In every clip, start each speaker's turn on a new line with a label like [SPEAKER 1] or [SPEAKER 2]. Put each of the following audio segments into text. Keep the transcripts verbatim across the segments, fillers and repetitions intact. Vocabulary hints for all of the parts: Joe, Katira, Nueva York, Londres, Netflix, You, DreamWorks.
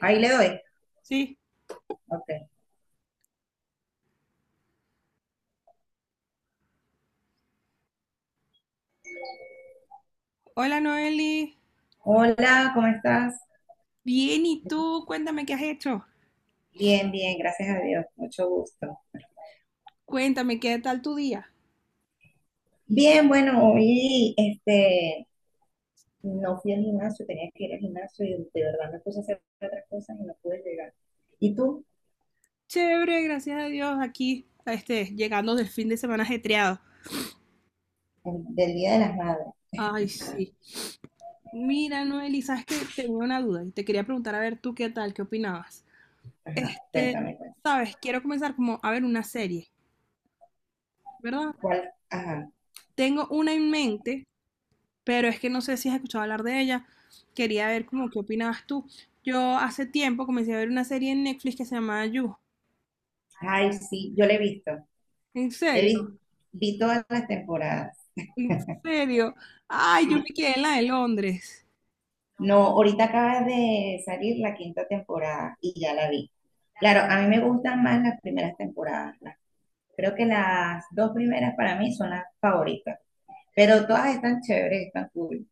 [SPEAKER 1] Ahí le doy.
[SPEAKER 2] Sí.
[SPEAKER 1] Ok.
[SPEAKER 2] Hola Noeli.
[SPEAKER 1] Hola, ¿cómo estás?
[SPEAKER 2] Bien, ¿y tú? Cuéntame qué has hecho.
[SPEAKER 1] Bien, bien, gracias a Dios. Mucho gusto.
[SPEAKER 2] Cuéntame qué tal tu día.
[SPEAKER 1] Bien, bueno, hoy este, no fui al gimnasio, tenía que ir al gimnasio y de verdad me puse a hacer otras cosas y no pude llegar. ¿Y tú?
[SPEAKER 2] Chévere, gracias a Dios, aquí, este, llegando del fin de semana ajetreado.
[SPEAKER 1] El- Del Día de las Madres.
[SPEAKER 2] Ay, sí. Mira, Noeli, sabes que tenía una duda y te quería preguntar a ver tú qué tal, qué opinabas.
[SPEAKER 1] Ajá,
[SPEAKER 2] Este,
[SPEAKER 1] cuéntame, cuéntame.
[SPEAKER 2] sabes, quiero comenzar como a ver una serie, ¿verdad?
[SPEAKER 1] ¿Cuál? Ajá.
[SPEAKER 2] Tengo una en mente, pero es que no sé si has escuchado hablar de ella. Quería ver como qué opinabas tú. Yo hace tiempo comencé a ver una serie en Netflix que se llama You.
[SPEAKER 1] Ay, sí, yo la he visto.
[SPEAKER 2] ¿En
[SPEAKER 1] He
[SPEAKER 2] serio?
[SPEAKER 1] vi, vi todas las temporadas.
[SPEAKER 2] En serio. Ay, yo me
[SPEAKER 1] Sí.
[SPEAKER 2] quedé en la de Londres.
[SPEAKER 1] No, ahorita acaba de salir la quinta temporada y ya la vi. Claro, a mí me gustan más las primeras temporadas. Creo que las dos primeras para mí son las favoritas, pero todas están chéveres, están cool.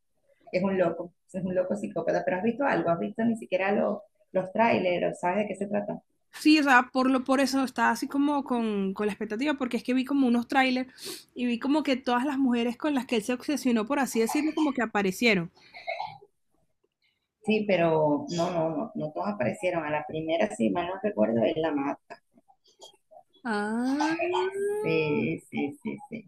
[SPEAKER 1] Es un loco, es un loco psicópata, pero has visto algo, has visto ni siquiera los, los trailers, ¿sabes de qué se trata?
[SPEAKER 2] Sí, o sea, por lo, por eso estaba así como con, con la expectativa, porque es que vi como unos trailers y vi como que todas las mujeres con las que él se obsesionó, por así decirlo, como que aparecieron.
[SPEAKER 1] Sí, pero no, no, no, no todas aparecieron. A la primera, si mal no recuerdo, es la más.
[SPEAKER 2] Ah,
[SPEAKER 1] Sí, sí, sí, sí.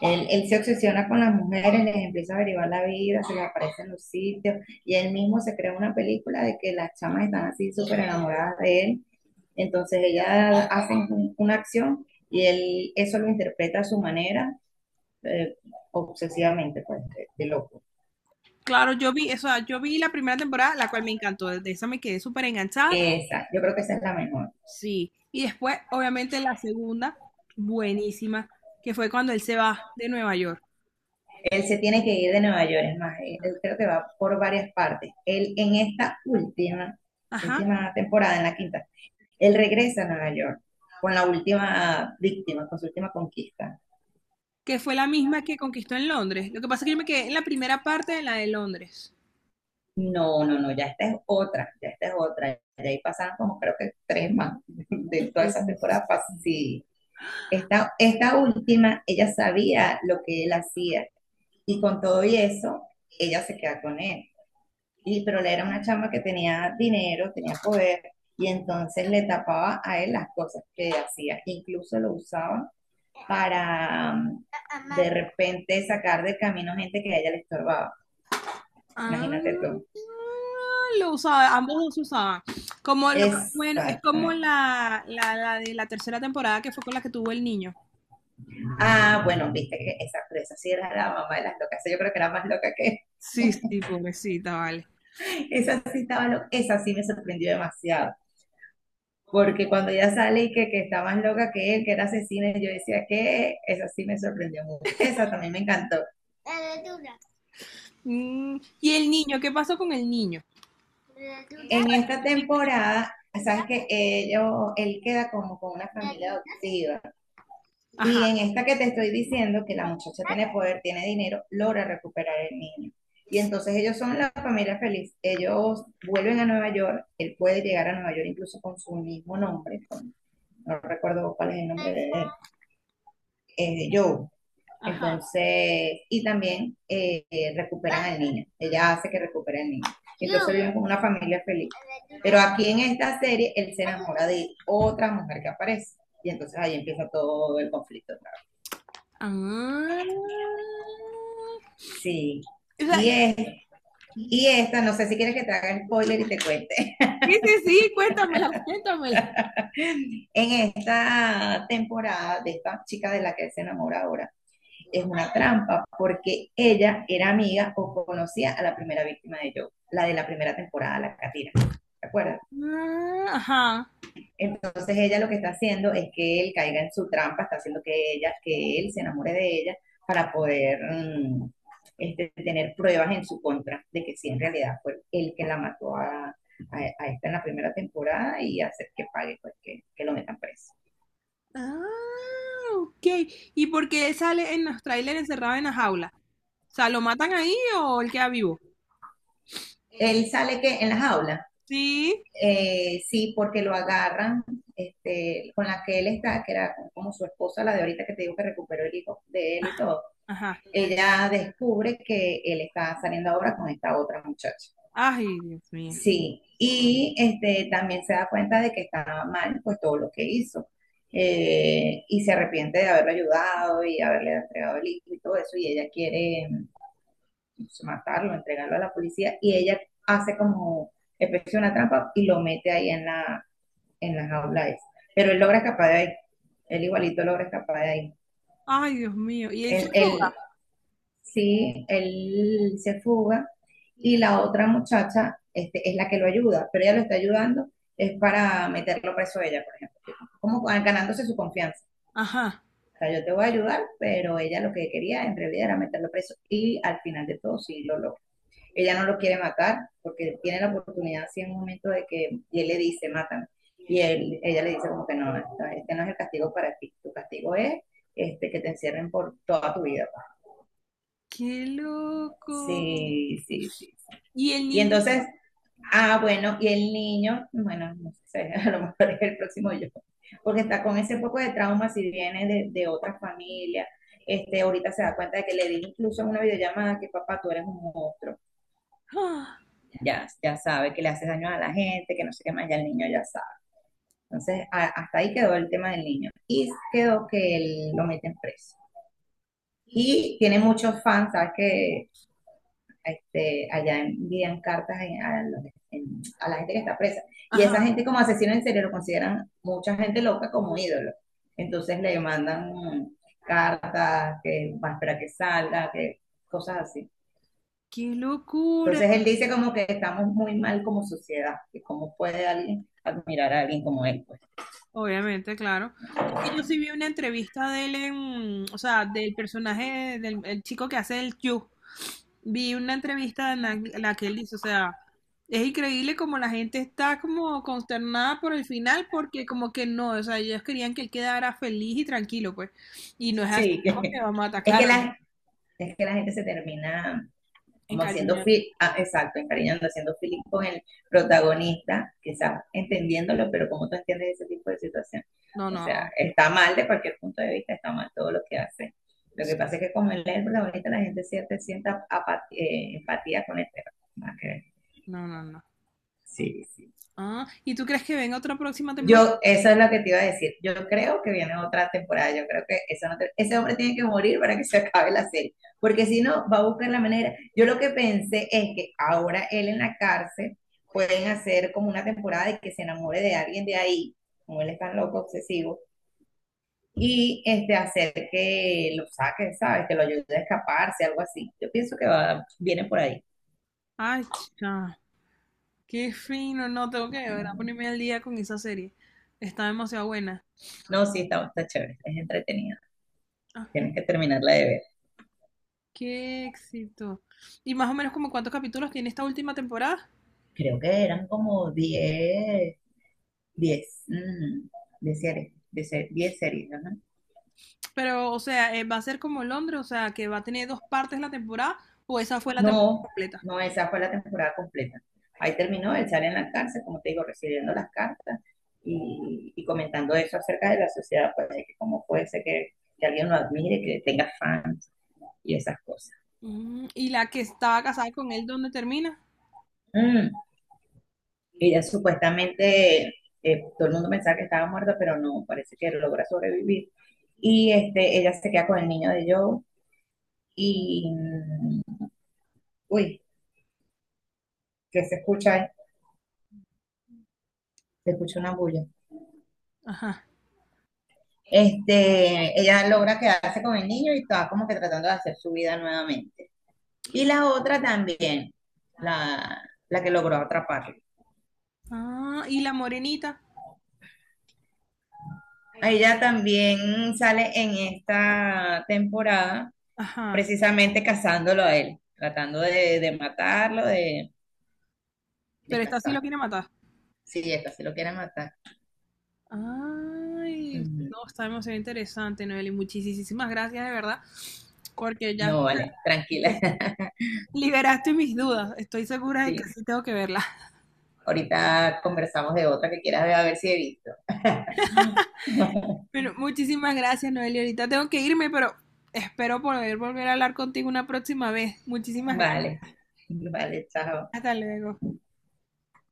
[SPEAKER 1] Él, él se obsesiona con las mujeres, les empieza a averiguar la vida, se les aparece en los sitios, y él mismo se crea una película de que las chamas están así súper enamoradas de él. Entonces ellas hacen una acción y él eso lo interpreta a su manera, eh, obsesivamente, pues, de, de loco.
[SPEAKER 2] claro, yo vi, o sea, yo vi la primera temporada, la cual me encantó, de esa me quedé súper enganchada,
[SPEAKER 1] Esa, yo creo que esa es la mejor.
[SPEAKER 2] sí. Y después, obviamente, la segunda, buenísima, que fue cuando él se va de Nueva York.
[SPEAKER 1] Él se tiene que ir de Nueva York, es más, él, él creo que va por varias partes. Él en esta última,
[SPEAKER 2] Ajá.
[SPEAKER 1] última temporada, en la quinta, él regresa a Nueva York con la última víctima, con su última conquista.
[SPEAKER 2] Que fue la misma que conquistó en Londres. Lo que pasa es que yo me quedé en la primera parte de la de Londres.
[SPEAKER 1] No, no, no, ya esta es otra, ya esta es otra. Ya ahí pasaron como creo que tres más de toda
[SPEAKER 2] Sí.
[SPEAKER 1] esa temporada. pas- Sí, esta, esta última, ella sabía lo que él hacía y con todo y eso, ella se queda con él. Y, pero le era una chama que tenía dinero, tenía poder y entonces le tapaba a él las cosas que hacía. Incluso lo usaban para mm, de repente sacar de camino gente que a ella le estorbaba.
[SPEAKER 2] Ah,
[SPEAKER 1] Imagínate tú.
[SPEAKER 2] lo usaba, ambos dos se usaban. Como lo, bueno, es como
[SPEAKER 1] Exactamente.
[SPEAKER 2] la, la, la de la tercera temporada que fue con la que tuvo el niño.
[SPEAKER 1] Ah, bueno, viste que esa, pero esa sí era la mamá de las locas. Esa, yo creo que era más loca que
[SPEAKER 2] Sí, sí, pobrecita, vale.
[SPEAKER 1] esa sí estaba loca. Esa sí me sorprendió demasiado. Porque cuando ella sale y que, que está más loca que él, que era asesina, yo decía que esa sí me sorprendió mucho. Esa también me encantó.
[SPEAKER 2] Mm, y el niño, ¿qué pasó con el niño?
[SPEAKER 1] En esta temporada, sabes que ellos, él queda como con una familia adoptiva.
[SPEAKER 2] Ajá,
[SPEAKER 1] Y en esta que te estoy diciendo, que la muchacha tiene poder, tiene dinero, logra recuperar el niño. Y entonces ellos son la familia feliz. Ellos vuelven a Nueva York, él puede llegar a Nueva York incluso con su mismo nombre, con, no recuerdo cuál es el nombre de él, eh, Joe.
[SPEAKER 2] ajá.
[SPEAKER 1] Entonces, y también eh, recuperan al niño. Ella hace que recupere al niño. Entonces viven como una familia feliz. Pero aquí en esta serie, él se enamora de otra mujer que aparece. Y entonces ahí empieza todo el conflicto.
[SPEAKER 2] Ah.
[SPEAKER 1] Sí.
[SPEAKER 2] O sea,
[SPEAKER 1] Y, es, y esta, no sé si quieres que te haga el spoiler y te cuente.
[SPEAKER 2] sí, sí, sí, cuéntamela, cuéntamela.
[SPEAKER 1] En esta temporada de esta chica de la que él se enamora ahora, es una trampa porque ella era amiga o conocía a la primera víctima de Joe, la de la primera temporada, la Katira. ¿Te acuerdas?
[SPEAKER 2] Ah, ajá.
[SPEAKER 1] Entonces ella lo que está haciendo es que él caiga en su trampa, está haciendo que ella, que él se enamore de ella para poder mm, este, tener pruebas en su contra de que sí en realidad fue él que la mató a, a, a esta en la primera temporada y hacer que pague, pues que, que lo metan preso.
[SPEAKER 2] Ah, ok. ¿Y por qué él sale en los trailers encerrado en la jaula? O sea, ¿lo matan ahí o él queda vivo?
[SPEAKER 1] Él sale que en la jaula,
[SPEAKER 2] Sí.
[SPEAKER 1] eh, sí, porque lo agarran este, con la que él está, que era como su esposa, la de ahorita que te digo que recuperó el hijo de él y todo.
[SPEAKER 2] Ajá.
[SPEAKER 1] Ella descubre que él está saliendo ahora con esta otra muchacha.
[SPEAKER 2] Ay, Dios mío.
[SPEAKER 1] Sí, y este, también se da cuenta de que estaba mal pues todo lo que hizo. Eh, y se arrepiente de haberlo ayudado y haberle entregado el hijo y todo eso, y ella quiere, pues, matarlo, entregarlo a la policía, y ella hace como especie de una trampa y lo mete ahí en la, en la jaula esa. Pero él logra escapar de ahí, él igualito logra escapar de ahí.
[SPEAKER 2] Ay, Dios mío. Y él se
[SPEAKER 1] Él,
[SPEAKER 2] fuga.
[SPEAKER 1] él sí, él se fuga y la otra muchacha este, es la que lo ayuda, pero ella lo está ayudando es para meterlo preso a ella, por ejemplo, como ah, ganándose su confianza.
[SPEAKER 2] Ajá.
[SPEAKER 1] O sea, yo te voy a ayudar, pero ella lo que quería en realidad era meterlo preso y al final de todo sí lo logra. Ella no lo quiere matar porque tiene la oportunidad así en un momento de que, y él le dice, mátame. Y él, ella le dice como que no, no, no, este no es el castigo para ti, tu castigo es este, que te encierren por toda tu vida.
[SPEAKER 2] Qué loco.
[SPEAKER 1] Sí, sí, sí. Sí.
[SPEAKER 2] Y el
[SPEAKER 1] Y
[SPEAKER 2] niño.
[SPEAKER 1] entonces, ah, bueno, y el niño, bueno, no sé, a lo mejor es el próximo yo, porque está con ese poco de trauma si viene de, de otra familia. Este, ahorita se da cuenta de que le dije incluso en una videollamada que papá, tú eres un monstruo.
[SPEAKER 2] ¡Ah!
[SPEAKER 1] Ya, ya sabe que le haces daño a la gente, que no sé qué más, ya el niño ya sabe. Entonces, a- hasta ahí quedó el tema del niño. Y quedó que él lo meten preso. Y tiene muchos fans, ¿sabes? Que este, allá envían cartas en- a, los- en- a la gente que está presa. Y
[SPEAKER 2] Ajá.
[SPEAKER 1] esa gente, como asesino en serie, lo consideran mucha gente loca como ídolo. Entonces le mandan mm, cartas, que va a esperar que salga, que cosas así.
[SPEAKER 2] Qué locura.
[SPEAKER 1] Entonces él dice como que estamos muy mal como sociedad, que cómo puede alguien admirar a alguien como él, pues.
[SPEAKER 2] Obviamente, claro. Es que yo sí vi una entrevista de él en, o sea, del personaje del el chico que hace el Q. Vi una entrevista en la, la que él dice, o sea, es increíble como la gente está como consternada por el final porque como que no, o sea, ellos querían que él quedara feliz y tranquilo, pues. Y no es así
[SPEAKER 1] Sí, que-
[SPEAKER 2] porque va a matar,
[SPEAKER 1] es que
[SPEAKER 2] claro, no,
[SPEAKER 1] la, es que la gente se termina como haciendo
[SPEAKER 2] encariñar.
[SPEAKER 1] feeling, ah, exacto, encariñando, haciendo feeling con el protagonista, quizás entendiéndolo, pero ¿cómo tú entiendes ese tipo de situación?
[SPEAKER 2] No,
[SPEAKER 1] O sea,
[SPEAKER 2] no,
[SPEAKER 1] está mal de cualquier punto de vista, está mal todo lo que hace. Lo que pasa
[SPEAKER 2] sí,
[SPEAKER 1] es que como él es el protagonista, la gente siente, sienta apatía, eh, empatía con el perro.
[SPEAKER 2] no, no, no.
[SPEAKER 1] Sí, sí.
[SPEAKER 2] Ah, ¿y tú crees que venga otra próxima temporada?
[SPEAKER 1] Yo, esa es lo que te iba a decir. Yo creo que viene otra temporada. Yo creo que eso no te- ese hombre tiene que morir para que se acabe la serie. Porque si no, va a buscar la manera. Yo lo que pensé es que ahora él en la cárcel pueden hacer como una temporada de que se enamore de alguien de ahí, como él es tan loco, obsesivo, y este, hacer que lo saque, ¿sabes? Que lo ayude a escaparse, algo así. Yo pienso que va, viene por ahí.
[SPEAKER 2] Ay, chica, qué fino, no, tengo que de verdad
[SPEAKER 1] Ujú.
[SPEAKER 2] ponerme al día con esa serie. Está demasiado buena.
[SPEAKER 1] No, sí, está, está chévere. Es entretenida.
[SPEAKER 2] Ah,
[SPEAKER 1] Tienes que terminarla de ver.
[SPEAKER 2] qué éxito. ¿Y más o menos como cuántos capítulos tiene esta última temporada?
[SPEAKER 1] Creo que eran como diez diez mm, diez series. de se- diez series, ajá.
[SPEAKER 2] Pero, o sea, eh, ¿va a ser como Londres? O sea, ¿que va a tener dos partes la temporada o esa fue la temporada
[SPEAKER 1] No,
[SPEAKER 2] completa?
[SPEAKER 1] no, esa fue la temporada completa. Ahí terminó, él sale en la cárcel, como te digo, recibiendo las cartas y, y comentando eso acerca de la sociedad, pues, de que cómo puede ser que, que alguien lo admire, que tenga fans y esas cosas.
[SPEAKER 2] Mm, ¿y la que estaba casada con él, dónde termina?
[SPEAKER 1] Mm, ella supuestamente, eh, todo el mundo pensaba que estaba muerta, pero no, parece que logra sobrevivir. Y este, ella se queda con el niño de Joe y, mm, uy, ¿que se escucha ahí? Se escucha una bulla.
[SPEAKER 2] Ajá.
[SPEAKER 1] Este, ella logra quedarse con el niño y está como que tratando de hacer su vida nuevamente. Y la otra también, la, la que logró atraparlo.
[SPEAKER 2] Ah, ¿y la morenita?
[SPEAKER 1] A ella también sale en esta temporada,
[SPEAKER 2] Ajá.
[SPEAKER 1] precisamente cazándolo a él, tratando de, de matarlo, de, de
[SPEAKER 2] Pero esta sí lo
[SPEAKER 1] cazarlo.
[SPEAKER 2] quiere matar.
[SPEAKER 1] Sí, esta sí lo quiere matar.
[SPEAKER 2] Ay,
[SPEAKER 1] Ujú.
[SPEAKER 2] no, está demasiado interesante, Noeli. Muchísimas gracias, de verdad, porque ya
[SPEAKER 1] No, vale, tranquila.
[SPEAKER 2] este, liberaste mis dudas. Estoy segura de que
[SPEAKER 1] Sí,
[SPEAKER 2] sí tengo que verla.
[SPEAKER 1] ahorita conversamos de otra que quieras ver, a ver si he visto.
[SPEAKER 2] Bueno, muchísimas gracias, Noeli. Ahorita tengo que irme, pero espero poder volver a hablar contigo una próxima vez. Muchísimas gracias.
[SPEAKER 1] Vale, vale, chao.
[SPEAKER 2] Hasta luego.